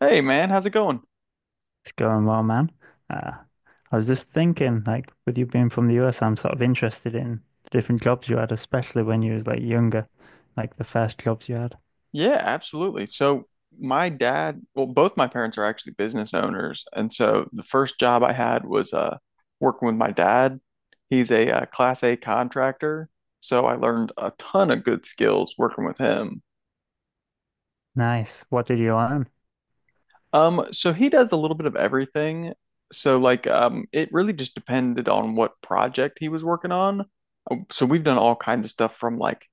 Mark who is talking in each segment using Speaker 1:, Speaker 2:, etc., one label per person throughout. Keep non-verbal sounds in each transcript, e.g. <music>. Speaker 1: Hey man, how's it going?
Speaker 2: It's going well, man. Uh, I was just thinking, like, with you being from the US, I'm sort of interested in the different jobs you had, especially when you was like younger, like the first jobs you had.
Speaker 1: Yeah, absolutely. So my dad, well, both my parents are actually business owners, and so the first job I had was working with my dad. He's a, class A contractor, so I learned a ton of good skills working with him.
Speaker 2: Nice. What did you learn?
Speaker 1: So he does a little bit of everything. So like it really just depended on what project he was working on. So we've done all kinds of stuff from like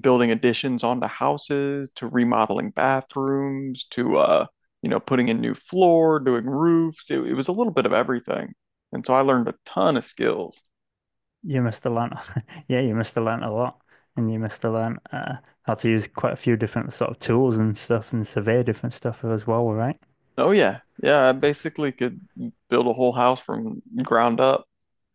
Speaker 1: building additions onto houses to remodeling bathrooms to putting in new floor doing roofs. It was a little bit of everything, and so I learned a ton of skills.
Speaker 2: You must have learned, <laughs> yeah, you must have learned a lot, and you must have learned how to use quite a few different sort of tools and stuff, and survey different stuff as well, right?
Speaker 1: Oh yeah, yeah, I basically could build a whole house from ground up,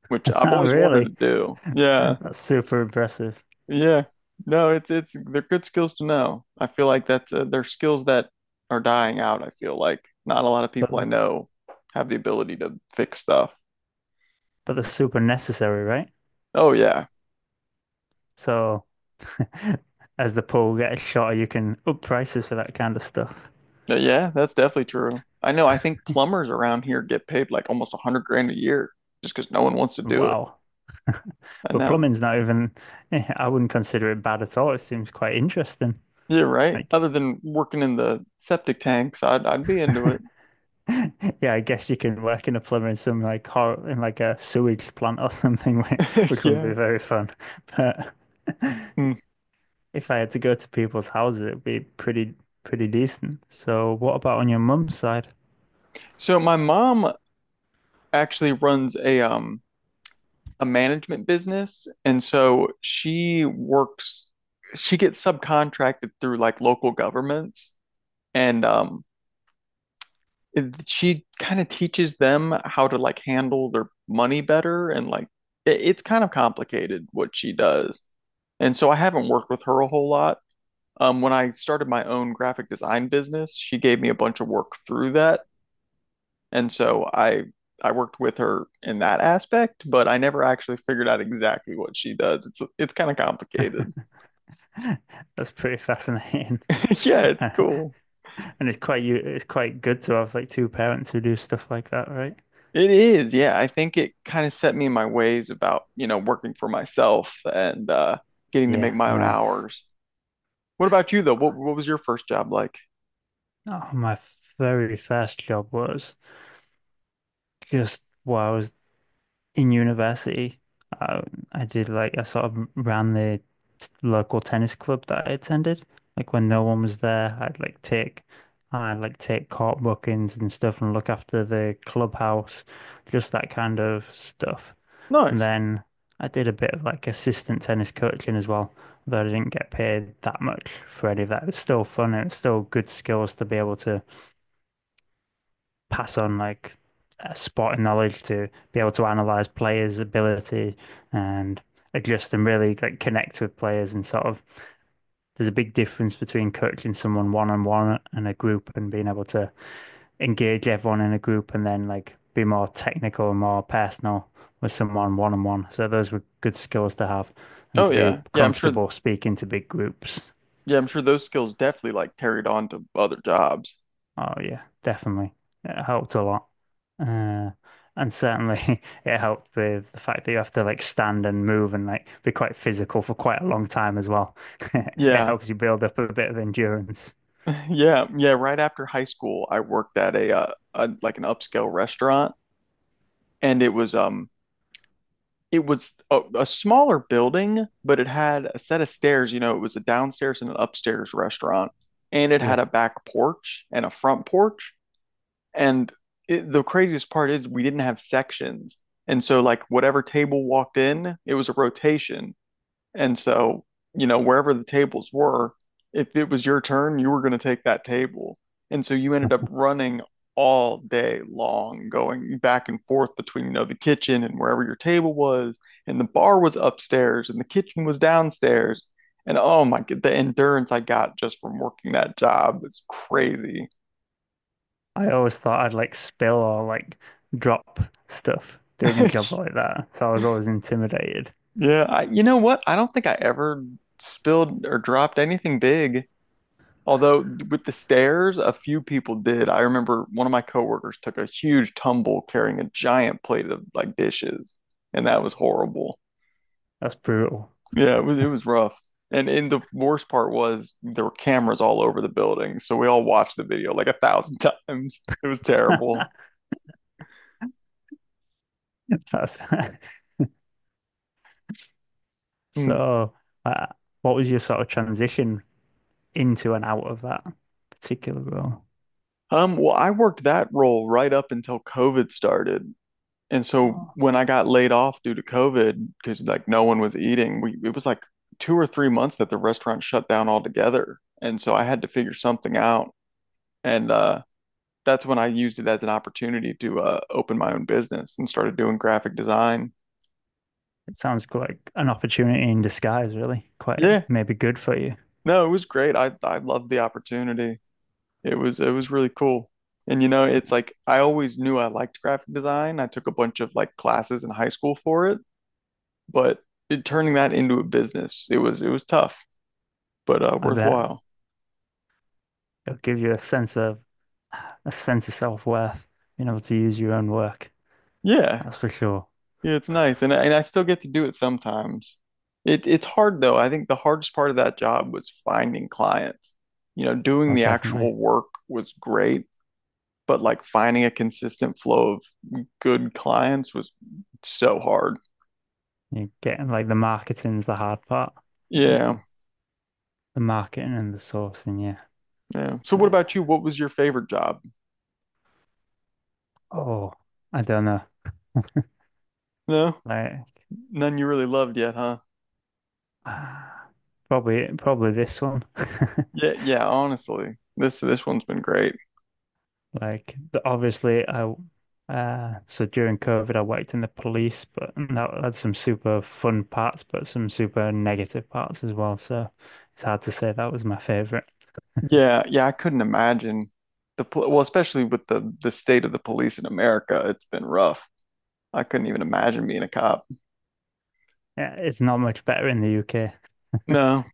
Speaker 1: which
Speaker 2: <laughs>
Speaker 1: I've
Speaker 2: Oh,
Speaker 1: always wanted
Speaker 2: really?
Speaker 1: to do.
Speaker 2: <laughs>
Speaker 1: Yeah,
Speaker 2: That's super impressive,
Speaker 1: yeah, no, it's they're good skills to know. I feel like that's they're skills that are dying out. I feel like not a lot of
Speaker 2: but
Speaker 1: people I
Speaker 2: th-
Speaker 1: know have the ability to fix stuff.
Speaker 2: but that's super necessary, right?
Speaker 1: Oh yeah.
Speaker 2: So. As the pool gets shorter, you can up prices for that kind of stuff.
Speaker 1: Yeah, yeah, that's definitely true. I know. I think plumbers around here get paid like almost 100 grand a year just because no one wants to do it.
Speaker 2: Wow.
Speaker 1: I
Speaker 2: But
Speaker 1: know.
Speaker 2: plumbing's not even, <laughs> I wouldn't consider it bad at all. It seems quite interesting.
Speaker 1: Yeah, right.
Speaker 2: Like,
Speaker 1: Other than working in the septic tanks, I'd be into it.
Speaker 2: <laughs> yeah, I guess you can work in a plumber in some like hor in like a sewage plant or something, <laughs>
Speaker 1: <laughs>
Speaker 2: which wouldn't
Speaker 1: Yeah.
Speaker 2: be very fun. <laughs> But
Speaker 1: Hmm.
Speaker 2: if I had to go to people's houses, it'd be pretty decent. So, what about on your mum's side?
Speaker 1: So my mom actually runs a management business, and so she works. She gets subcontracted through like local governments, and she kind of teaches them how to like handle their money better and like it's kind of complicated what she does. And so I haven't worked with her a whole lot. When I started my own graphic design business, she gave me a bunch of work through that. And so I worked with her in that aspect, but I never actually figured out exactly what she does. It's kind of complicated.
Speaker 2: <laughs> That's pretty fascinating.
Speaker 1: <laughs> Yeah, it's
Speaker 2: <laughs>
Speaker 1: cool.
Speaker 2: And it's quite good to have like two parents who do stuff like that, right?
Speaker 1: It is, yeah. I think it kind of set me in my ways about, you know, working for myself and getting to make
Speaker 2: Yeah,
Speaker 1: my own
Speaker 2: nice.
Speaker 1: hours. What about you though? What was your first job like?
Speaker 2: Oh, my very first job was just while I was in university. I, I did like I sort of ran the local tennis club that I attended. Like when no one was there, I'd like take court bookings and stuff and look after the clubhouse, just that kind of stuff. And
Speaker 1: Nice.
Speaker 2: then I did a bit of like assistant tennis coaching as well, though I didn't get paid that much for any of that. It was still fun and it's still good skills to be able to pass on like sporting knowledge, to be able to analyze players' ability and adjust and really like connect with players and sort of there's a big difference between coaching someone one on one and a group and being able to engage everyone in a group and then like be more technical and more personal with someone one on one. So those were good skills to have and
Speaker 1: Oh
Speaker 2: to be
Speaker 1: yeah. Yeah, I'm sure,
Speaker 2: comfortable speaking to big groups.
Speaker 1: yeah, I'm sure those skills definitely like carried on to other jobs.
Speaker 2: Oh yeah, definitely. It helped a lot. Uh, and certainly <laughs> it helped with the fact that you have to like stand and move and like be quite physical for quite a long time as well. <laughs> It
Speaker 1: Yeah.
Speaker 2: helps you build up a bit of endurance.
Speaker 1: <laughs> Yeah, yeah, right after high school, I worked at a like an upscale restaurant, and it was it was a smaller building, but it had a set of stairs. You know, it was a downstairs and an upstairs restaurant, and it had
Speaker 2: Yeah.
Speaker 1: a back porch and a front porch. And the craziest part is we didn't have sections. And so, like, whatever table walked in, it was a rotation. And so, you know, wherever the tables were, if it was your turn, you were going to take that table. And so you ended up running all day long, going back and forth between, you know, the kitchen and wherever your table was, and the bar was upstairs and the kitchen was downstairs. And oh my God, the endurance I got just from working that job was crazy.
Speaker 2: I always thought I'd like spill or like drop stuff doing a job like
Speaker 1: <laughs>
Speaker 2: that. So I was always intimidated.
Speaker 1: Yeah, I, you know what? I don't think I ever spilled or dropped anything big. Although with the stairs, a few people did. I remember one of my coworkers took a huge tumble carrying a giant plate of like dishes, and that was horrible.
Speaker 2: That's brutal.
Speaker 1: Yeah, it was rough. And the worst part was there were cameras all over the building, so we all watched the video like a thousand <laughs> times. It was terrible.
Speaker 2: <laughs> That's <laughs>
Speaker 1: Hmm.
Speaker 2: so. Uh, what was your sort of transition into and out of that particular role?
Speaker 1: Well, I worked that role right up until COVID started. And so
Speaker 2: Oh,
Speaker 1: when I got laid off due to COVID, because like no one was eating, we it was like 2 or 3 months that the restaurant shut down altogether. And so I had to figure something out. And that's when I used it as an opportunity to open my own business and started doing graphic design.
Speaker 2: it sounds like an opportunity in disguise, really. Quite
Speaker 1: Yeah,
Speaker 2: maybe good for you.
Speaker 1: no, it was great. I loved the opportunity. It was really cool. And you know, it's like I always knew I liked graphic design. I took a bunch of like classes in high school for it, but turning that into a business, it was tough, but
Speaker 2: I bet
Speaker 1: worthwhile.
Speaker 2: it'll give you a sense of self-worth, being able to use your own work.
Speaker 1: Yeah,
Speaker 2: That's for sure.
Speaker 1: yeah, it's nice, and I still get to do it sometimes. It's hard though. I think the hardest part of that job was finding clients. You know, doing
Speaker 2: Oh,
Speaker 1: the
Speaker 2: definitely.
Speaker 1: actual work was great, but like finding a consistent flow of good clients was so hard.
Speaker 2: You're getting like the marketing's the hard part, right?
Speaker 1: Yeah,
Speaker 2: The marketing and the sourcing, yeah.
Speaker 1: yeah. So
Speaker 2: So-
Speaker 1: what about you? What was your favorite job?
Speaker 2: oh, I don't know.
Speaker 1: No,
Speaker 2: Like,
Speaker 1: none you really loved yet, huh?
Speaker 2: <sighs> ah, probably this one.
Speaker 1: Yeah,
Speaker 2: <laughs>
Speaker 1: yeah. Honestly, this one's been great.
Speaker 2: Like, obviously, I so during COVID, I worked in the police, but that had some super fun parts, but some super negative parts as well. So it's hard to say that was my favorite.
Speaker 1: Yeah, yeah, I couldn't imagine well, especially with the state of the police in America, it's been rough. I couldn't even imagine being a cop.
Speaker 2: Yeah, it's not much better in the UK.
Speaker 1: No.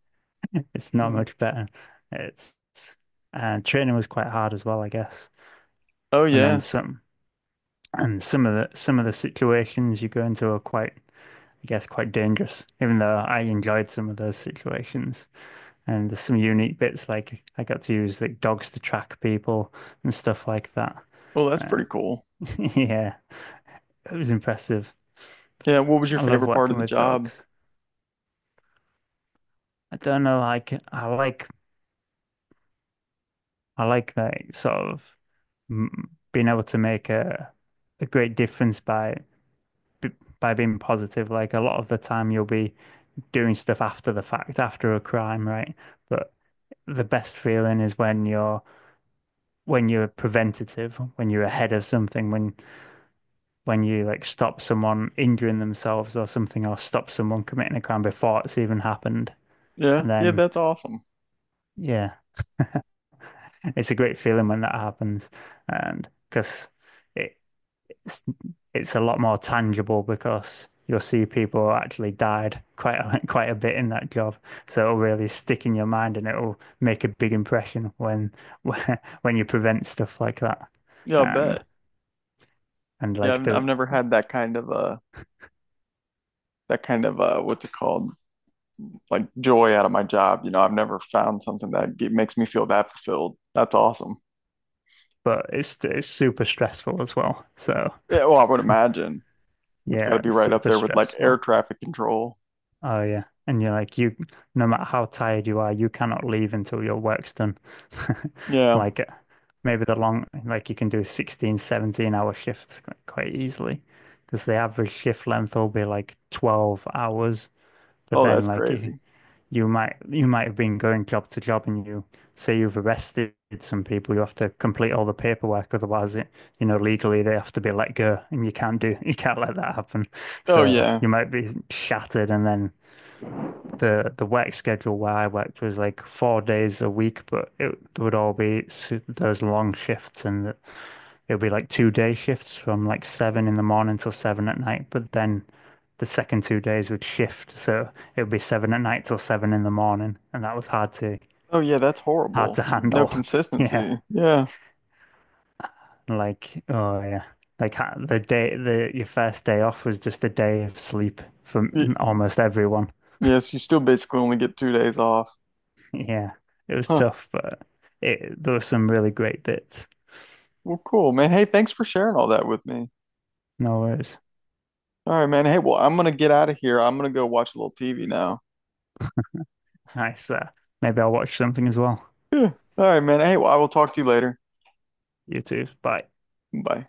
Speaker 2: <laughs> It's not
Speaker 1: Mm.
Speaker 2: much better. It's and training was quite hard as well, I guess.
Speaker 1: Oh
Speaker 2: And then
Speaker 1: yeah.
Speaker 2: some of the situations you go into are quite, I guess, quite dangerous. Even though I enjoyed some of those situations, and there's some unique bits like I got to use like dogs to track people and stuff like that.
Speaker 1: Well, that's pretty
Speaker 2: And
Speaker 1: cool.
Speaker 2: <laughs> yeah, it was impressive.
Speaker 1: Yeah, what was your
Speaker 2: I love
Speaker 1: favorite part of
Speaker 2: working
Speaker 1: the
Speaker 2: with
Speaker 1: job?
Speaker 2: dogs. I don't know, like I like that sort of mm, being able to make a great difference by being positive. Like a lot of the time, you'll be doing stuff after the fact, after a crime, right? But the best feeling is when you're preventative, when you're ahead of something, when you like stop someone injuring themselves or something, or stop someone committing a crime before it's even happened.
Speaker 1: Yeah,
Speaker 2: And
Speaker 1: yeah,
Speaker 2: then,
Speaker 1: that's awesome.
Speaker 2: yeah, it's a great feeling when that happens, and because it it's it's a lot more tangible because you'll see people who actually died <laughs> quite a bit in that job. So it'll really stick in your mind and it'll make a big impression when <laughs> when you prevent stuff like that.
Speaker 1: Yeah, I bet.
Speaker 2: And and
Speaker 1: Yeah,
Speaker 2: like
Speaker 1: I've
Speaker 2: the
Speaker 1: never had that kind of that kind of what's it called? Like joy out of my job. You know, I've never found something that makes me feel that fulfilled. That's awesome.
Speaker 2: but it's super stressful as well. So
Speaker 1: Yeah, well, I would imagine. That's got to
Speaker 2: yeah,
Speaker 1: be
Speaker 2: it's
Speaker 1: right up
Speaker 2: super
Speaker 1: there with like air
Speaker 2: stressful.
Speaker 1: traffic control.
Speaker 2: Oh yeah. And you're like you no matter how tired you are, you cannot leave until your work's done. <laughs>
Speaker 1: Yeah.
Speaker 2: Like maybe the long like you can do 16, 17-hour shifts quite easily because the average shift length will be like 12 hours. But
Speaker 1: Oh,
Speaker 2: then
Speaker 1: that's
Speaker 2: like you,
Speaker 1: crazy.
Speaker 2: you might you might have been going job to job and you say you've arrested some people, you have to complete all the paperwork, otherwise it you know legally they have to be let go and you can't do <laughs> you can't let that happen.
Speaker 1: Oh
Speaker 2: So
Speaker 1: yeah.
Speaker 2: you might be shattered and then the work schedule where I worked was like 4 days a week, but it would all be those long shifts, and it would be like 2 day shifts from like 7 in the morning till 7 at night. But then the second 2 days would shift, so it would be 7 at night till 7 in the morning, and that was hard to
Speaker 1: Oh yeah, that's
Speaker 2: hard
Speaker 1: horrible.
Speaker 2: to
Speaker 1: No
Speaker 2: handle. <laughs> Yeah,
Speaker 1: consistency. Yeah.
Speaker 2: like oh yeah, like the day the your first day off was just a day of sleep for
Speaker 1: Y-
Speaker 2: almost everyone.
Speaker 1: yes, you still basically only get 2 days off.
Speaker 2: <laughs> Yeah, it was
Speaker 1: Huh.
Speaker 2: tough, but it there were some really great bits.
Speaker 1: Well, cool, man. Hey, thanks for sharing all that with me.
Speaker 2: No worries.
Speaker 1: All right, man. Hey, well, I'm gonna get out of here. I'm gonna go watch a little TV now.
Speaker 2: Nice. Maybe I'll watch something as well.
Speaker 1: Yeah. All right, man. Hey, well, I will talk to you later.
Speaker 2: You too. Bye.
Speaker 1: Bye.